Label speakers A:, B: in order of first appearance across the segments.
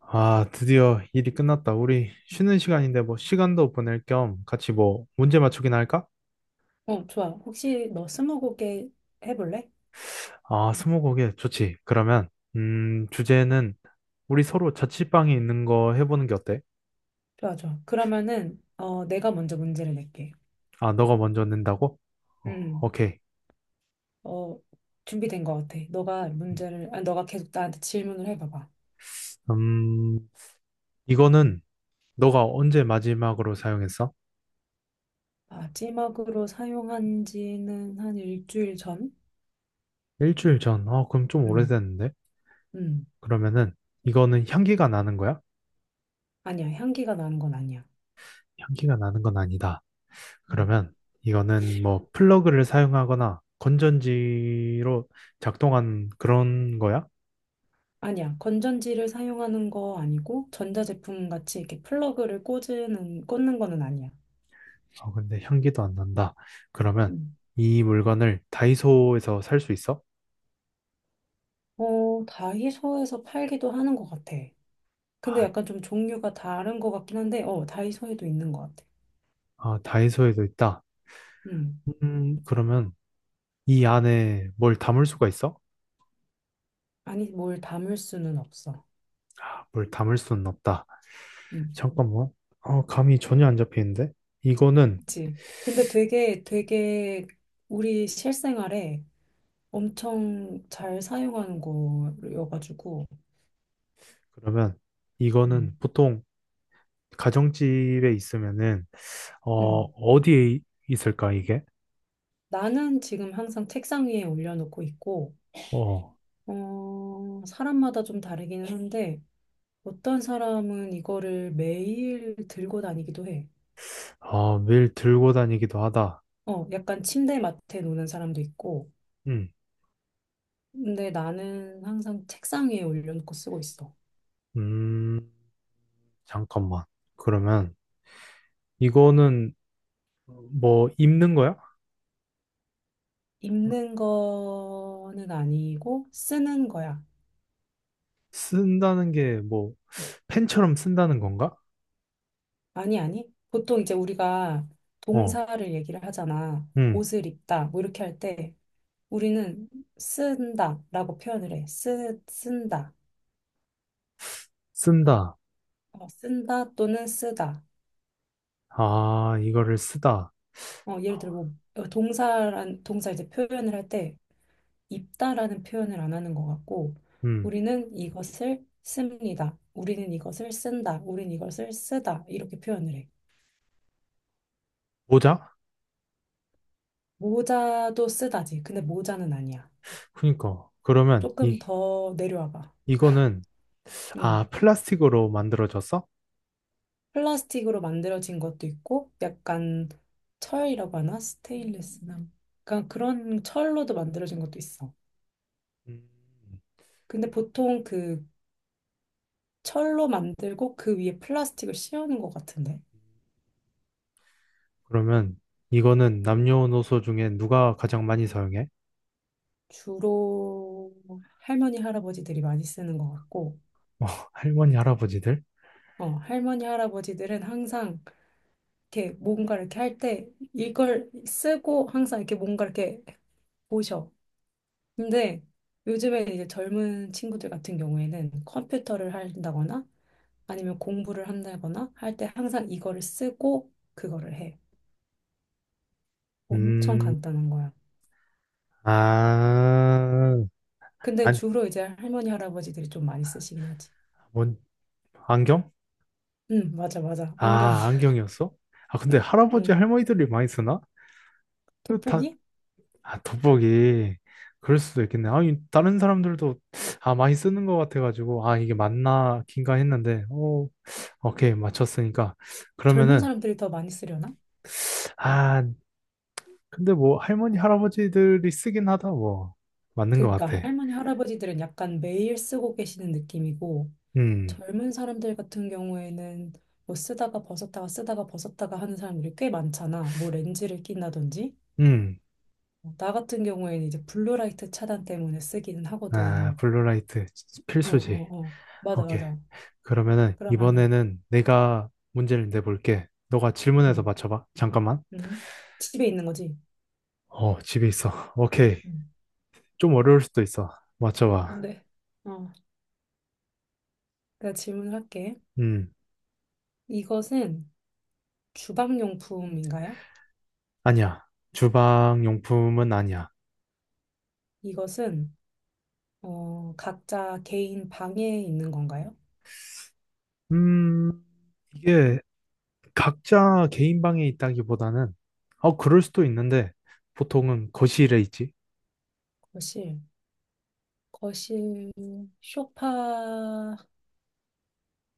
A: 아, 드디어 일이 끝났다. 우리 쉬는 시간인데 뭐 시간도 보낼 겸 같이 뭐 문제 맞추기나 할까?
B: 어, 좋아. 혹시 너 스무고개 해볼래?
A: 아, 스무고개 좋지. 그러면 주제는 우리 서로 자취방에 있는 거 해보는 게 어때?
B: 좋아, 좋아. 그러면은, 내가 먼저 문제를 낼게.
A: 아, 너가 먼저 낸다고? 어,
B: 음,
A: 오케이.
B: 어, 준비된 것 같아. 너가 계속 나한테 질문을 해봐봐.
A: 음, 이거는 너가 언제 마지막으로 사용했어?
B: 마지막으로 사용한 지는 한 일주일 전?
A: 일주일 전. 어, 그럼 좀
B: 음,
A: 오래됐는데?
B: 음.
A: 그러면은 이거는 향기가 나는 거야?
B: 아니야. 향기가 나는 건 아니야.
A: 향기가 나는 건 아니다.
B: 음.
A: 그러면 이거는 뭐 플러그를 사용하거나 건전지로 작동한 그런 거야?
B: 아니야. 건전지를 사용하는 거 아니고, 전자제품 같이 이렇게 플러그를 꽂는 거는 아니야.
A: 아, 근데 향기도 안 난다. 그러면
B: 음.
A: 이 물건을 다이소에서 살 수 있어?
B: 어, 다이소에서 팔기도 하는 것 같아. 근데
A: 아,
B: 약간 좀 종류가 다른 것 같긴 한데, 다이소에도 있는 것 같아.
A: 아, 다이소에도 있다.
B: 음.
A: 그러면 이 안에 뭘 담을 수가 있어?
B: 아니, 뭘 담을 수는 없어.
A: 아, 뭘 담을 수는 없다.
B: 음.
A: 잠깐만. 아, 감이 전혀 안 잡히는데? 이거는,
B: 그치. 근데 되게, 되게 우리 실생활에 엄청 잘 사용하는 거여가지고,
A: 그러면 이거는
B: 음.
A: 보통 가정집에 있으면은, 어,
B: 음.
A: 어디에 있을까, 이게?
B: 나는 지금 항상 책상 위에 올려놓고 있고,
A: 어,
B: 사람마다 좀 다르기는 한데, 어떤 사람은 이거를 매일 들고 다니기도 해.
A: 아, 매일 들고 다니기도 하다.
B: 약간 침대 맡에 놓는 사람도 있고,
A: 음,
B: 근데 나는 항상 책상 위에 올려놓고 쓰고 있어.
A: 음, 잠깐만. 그러면 이거는 뭐 입는 거야?
B: 입는 거는 아니고 쓰는 거야.
A: 쓴다는 게 뭐 펜처럼 쓴다는 건가?
B: 아니, 아니. 보통 이제 우리가
A: 어,
B: 동사를 얘기를 하잖아.
A: 음,
B: 옷을 입다, 뭐 이렇게 할 때 우리는 쓴다 라고 표현을 해. 쓴다.
A: 쓴다.
B: 쓴다 또는 쓰다.
A: 아, 이거를 쓰다.
B: 예를 들어 뭐 동사 이제 표현을 할때 입다라는 표현을 안 하는 것 같고,
A: 음,
B: 우리는 이것을 씁니다. 우리는 이것을 쓴다. 우리는 이것을 쓰다. 이렇게 표현을 해.
A: 모자?
B: 모자도 쓰다지. 근데 모자는 아니야.
A: 그니까. 그러면
B: 조금
A: 이,
B: 더 내려와봐.
A: 이거는,
B: 응.
A: 아, 플라스틱으로 만들어졌어?
B: 플라스틱으로 만들어진 것도 있고, 약간 철이라고 하나? 스테인리스나. 약간 그런 철로도 만들어진 것도 있어.
A: 음,
B: 근데 보통 그 철로 만들고 그 위에 플라스틱을 씌우는 것 같은데.
A: 그러면 이거는 남녀노소 중에 누가 가장 많이 사용해?
B: 주로 할머니 할아버지들이 많이 쓰는 것 같고,
A: 어, 할머니, 할아버지들?
B: 할머니 할아버지들은 항상 이렇게 뭔가 이렇게 할 때 이걸 쓰고 항상 이렇게 뭔가 이렇게 보셔. 근데 요즘에 이제 젊은 친구들 같은 경우에는 컴퓨터를 한다거나 아니면 공부를 한다거나 할 때 항상 이거를 쓰고 그거를 해. 엄청
A: 음,
B: 간단한 거야.
A: 아,
B: 근데
A: 안,
B: 주로 이제 할머니 할아버지들이 좀 많이 쓰시긴 하지.
A: 뭔, 안경?
B: 응, 맞아 맞아.
A: 아,
B: 안경이야.
A: 안경이었어? 아, 근데 할아버지,
B: 응.
A: 할머니들이 많이 쓰나? 이거 다,
B: 돋보기?
A: 아, 돋보기. 그럴 수도 있겠네. 아, 이 다른 사람들도, 아, 많이 쓰는 것 같아가지고, 아, 이게 맞나, 긴가 했는데, 오, 오케이, 맞췄으니까.
B: 젊은
A: 그러면은,
B: 사람들이 더 많이 쓰려나?
A: 아, 근데 뭐, 할머니, 할아버지들이 쓰긴 하다, 뭐. 맞는 것
B: 그러니까
A: 같아.
B: 할머니, 할아버지들은 약간 매일 쓰고 계시는 느낌이고,
A: 음.
B: 젊은 사람들 같은 경우에는 뭐 쓰다가 벗었다가 쓰다가 벗었다가 하는 사람들이 꽤 많잖아. 뭐 렌즈를 낀다든지.
A: 음,
B: 나 같은 경우에는 이제 블루라이트 차단 때문에 쓰기는
A: 아,
B: 하거든.
A: 블루라이트
B: 어, 어,
A: 필수지.
B: 어. 맞아,
A: 오케이.
B: 맞아.
A: 그러면은
B: 그러면은
A: 이번에는 내가 문제를 내볼게. 너가 질문해서
B: 음,
A: 맞춰봐. 잠깐만.
B: 음. 집에 있는 거지.
A: 어, 집에 있어. 오케이.
B: 음.
A: 좀 어려울 수도 있어.
B: 안
A: 맞춰봐.
B: 돼. 어. 내가 질문을 할게.
A: 음,
B: 이것은 주방용품인가요?
A: 아니야. 주방 용품은 아니야.
B: 이것은 각자 개인 방에 있는 건가요?
A: 음, 이게 각자 개인 방에 있다기보다는, 어, 그럴 수도 있는데, 보통은 거실에 있지.
B: 거실. 거실, 소파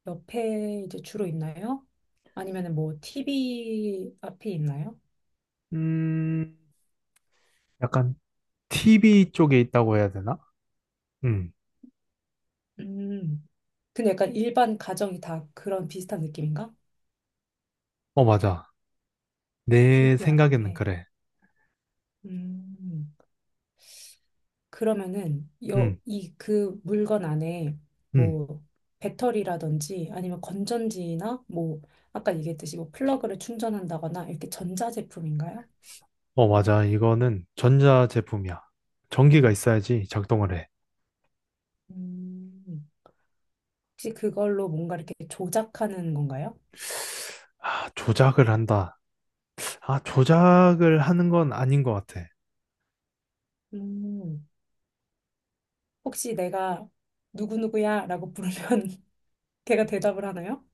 B: 옆에 이제 주로 있나요? 아니면 뭐 TV 앞에 있나요?
A: 음, 약간 TV 쪽에 있다고 해야 되나? 음,
B: 음, 근데 약간 일반 가정이 다 그런 비슷한 느낌인가?
A: 어, 맞아. 내
B: TV
A: 생각에는
B: 앞에.
A: 그래.
B: 음, 그러면은
A: 응,
B: 이 그 물건 안에
A: 응.
B: 뭐 배터리라든지 아니면 건전지나 뭐 아까 얘기했듯이 뭐 플러그를 충전한다거나 이렇게 전자제품인가요?
A: 어, 맞아. 이거는 전자 제품이야. 전기가 있어야지 작동을 해.
B: 음. 혹시 그걸로 뭔가 이렇게 조작하는 건가요?
A: 아, 조작을 한다. 아, 조작을 하는 건 아닌 것 같아.
B: 음. 혹시 내가 누구누구야 라고 부르면 걔가 대답을 하나요?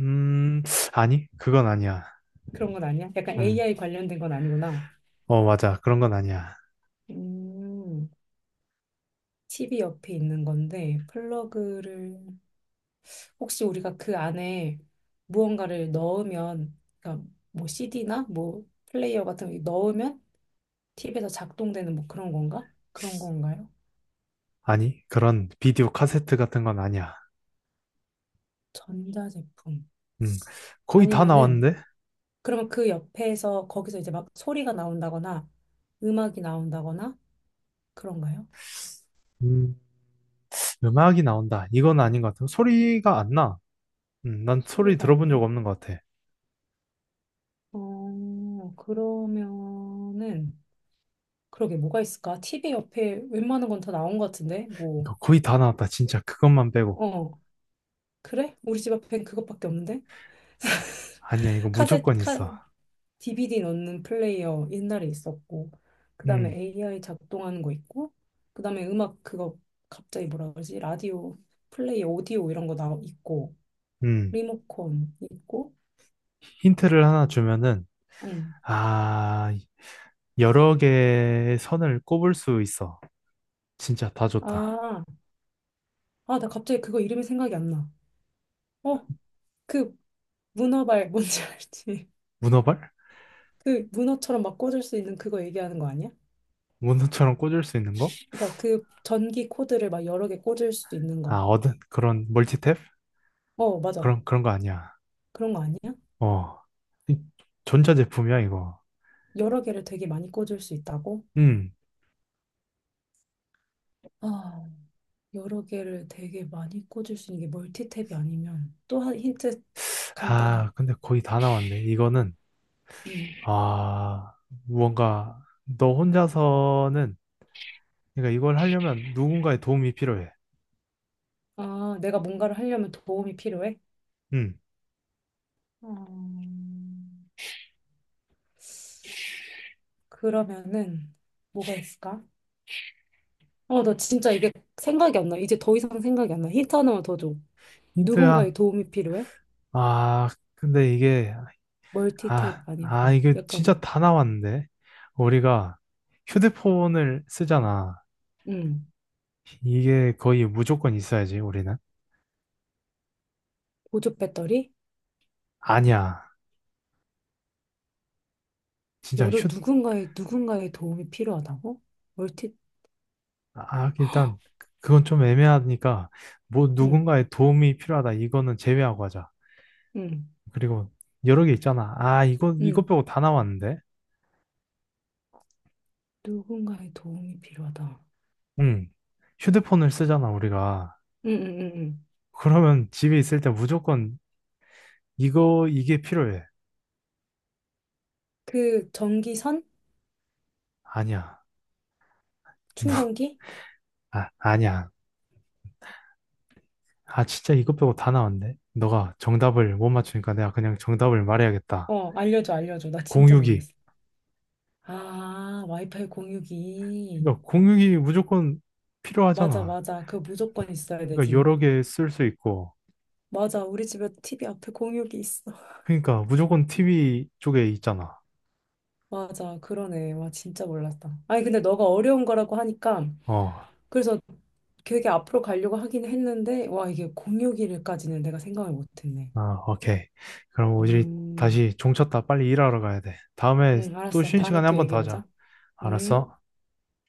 A: 음, 아니, 그건 아니야.
B: 그런 건 아니야? 약간
A: 응,
B: AI 관련된 건 아니구나.
A: 어, 맞아. 그런 건 아니야.
B: 음. TV 옆에 있는 건데 플러그를 혹시 우리가 그 안에 무언가를 넣으면 그러니까 뭐 CD나 뭐 플레이어 같은 거 넣으면 TV에서 작동되는 뭐 그런 건가? 그런 건가요?
A: 아니, 그런 비디오 카세트 같은 건 아니야.
B: 전자제품.
A: 응, 거의 다
B: 아니면은
A: 나왔는데?
B: 그러면 그 옆에서 거기서 이제 막 소리가 나온다거나 음악이 나온다거나 그런가요?
A: 음, 음악이 나온다. 이건 아닌 것 같아. 소리가 안 나. 난 소리
B: 소리가 안
A: 들어본 적
B: 나?
A: 없는 것 같아.
B: 그러면은 그러게 뭐가 있을까? 티비 옆에 웬만한 건 다 나온 것 같은데 뭐
A: 그러니까 거의 다 나왔다. 진짜 그것만 빼고.
B: 어, 그래? 우리 집 앞엔 그것밖에 없는데?
A: 아니야, 이거
B: 카세
A: 무조건
B: 카
A: 있어.
B: DVD 넣는 플레이어 옛날에 있었고 그다음에
A: 음,
B: AI 작동하는 거 있고 그다음에 음악 그거 갑자기 뭐라 그러지? 라디오 플레이 오디오 이런 거 나 있고
A: 음.
B: 리모컨 있고,
A: 힌트를 하나 주면은,
B: 응.
A: 아, 여러 개의 선을 꼽을 수 있어. 진짜 다 좋다.
B: 아, 아, 나 갑자기 그거 이름이 생각이 안 나. 어, 그 문어발 뭔지 알지?
A: 문어발?
B: 그 문어처럼 막 꽂을 수 있는 그거 얘기하는 거 아니야?
A: 문어처럼 꽂을 수 있는 거?
B: 그러니까 그 전기 코드를 막 여러 개 꽂을 수 있는
A: 아,
B: 거.
A: 얻은 그런 멀티탭?
B: 어, 맞아.
A: 그런 거 아니야.
B: 그런 거 아니야?
A: 어. 이 전자제품이야, 이거.
B: 여러 개를 되게 많이 꽂을 수 있다고?
A: 음.
B: 아, 여러 개를 되게 많이 꽂을 수 있는 게 멀티탭이 아니면 또 한 힌트 간단하게.
A: 아, 근데 거의 다 나왔네. 이거는,
B: 음.
A: 아, 뭔가, 너 혼자서는, 그러니까 이걸 하려면 누군가의 도움이 필요해.
B: 아, 내가 뭔가를 하려면 도움이 필요해?
A: 음.
B: 음. 그러면은 뭐가 있을까? 나 진짜 이게 생각이 안 나. 이제 더 이상 생각이 안 나. 힌트 하나만 더 줘.
A: 힌트
B: 누군가의
A: 한,
B: 도움이 필요해?
A: 아, 근데 이게, 아,
B: 멀티테이프 아니고
A: 아, 이게 진짜
B: 약간
A: 다 나왔는데. 우리가 휴대폰을 쓰잖아.
B: 음,
A: 이게 거의 무조건 있어야지, 우리는.
B: 보조 배터리?
A: 아니야. 진짜
B: 여러
A: 휴,
B: 누군가의 도움이 필요하다고? 멀티
A: 아, 일단, 그건 좀 애매하니까, 뭐, 누군가의 도움이 필요하다. 이거는 제외하고 하자.
B: 음음음
A: 그리고 여러 개 있잖아. 아, 이거 빼고 다 나왔는데.
B: 누군가의 도움이 필요하다.
A: 응. 휴대폰을 쓰잖아, 우리가.
B: 음음음음
A: 그러면 집에 있을 때 무조건 이거, 이게 필요해.
B: 그 전기선?
A: 아니야.
B: 충전기?
A: 아, 아니야. 아, 진짜 이것 빼고 다 나왔네. 너가 정답을 못 맞추니까 내가 그냥 정답을 말해야겠다.
B: 어, 알려줘 알려줘. 나 진짜
A: 공유기.
B: 모르겠어. 아, 와이파이 공유기.
A: 그러니까 공유기 무조건
B: 맞아
A: 필요하잖아.
B: 맞아. 그거 무조건 있어야
A: 그러니까
B: 되지.
A: 여러 개 쓸 수 있고.
B: 맞아, 우리 집에 TV 앞에 공육이 있어.
A: 그러니까 무조건 TV 쪽에 있잖아.
B: 맞아, 그러네. 와, 진짜 몰랐다. 아니, 근데 너가 어려운 거라고 하니까,
A: 어,
B: 그래서 되게 앞으로 가려고 하긴 했는데, 와, 이게 공육일까지는 내가 생각을 못 했네.
A: 아, 오케이. 그럼 우리
B: 음,
A: 다시 종 쳤다. 빨리 일하러 가야 돼. 다음에 또
B: 알았어.
A: 쉬는
B: 다음에
A: 시간에 한
B: 또
A: 번 더 하자.
B: 얘기해보자. 음.
A: 알았어?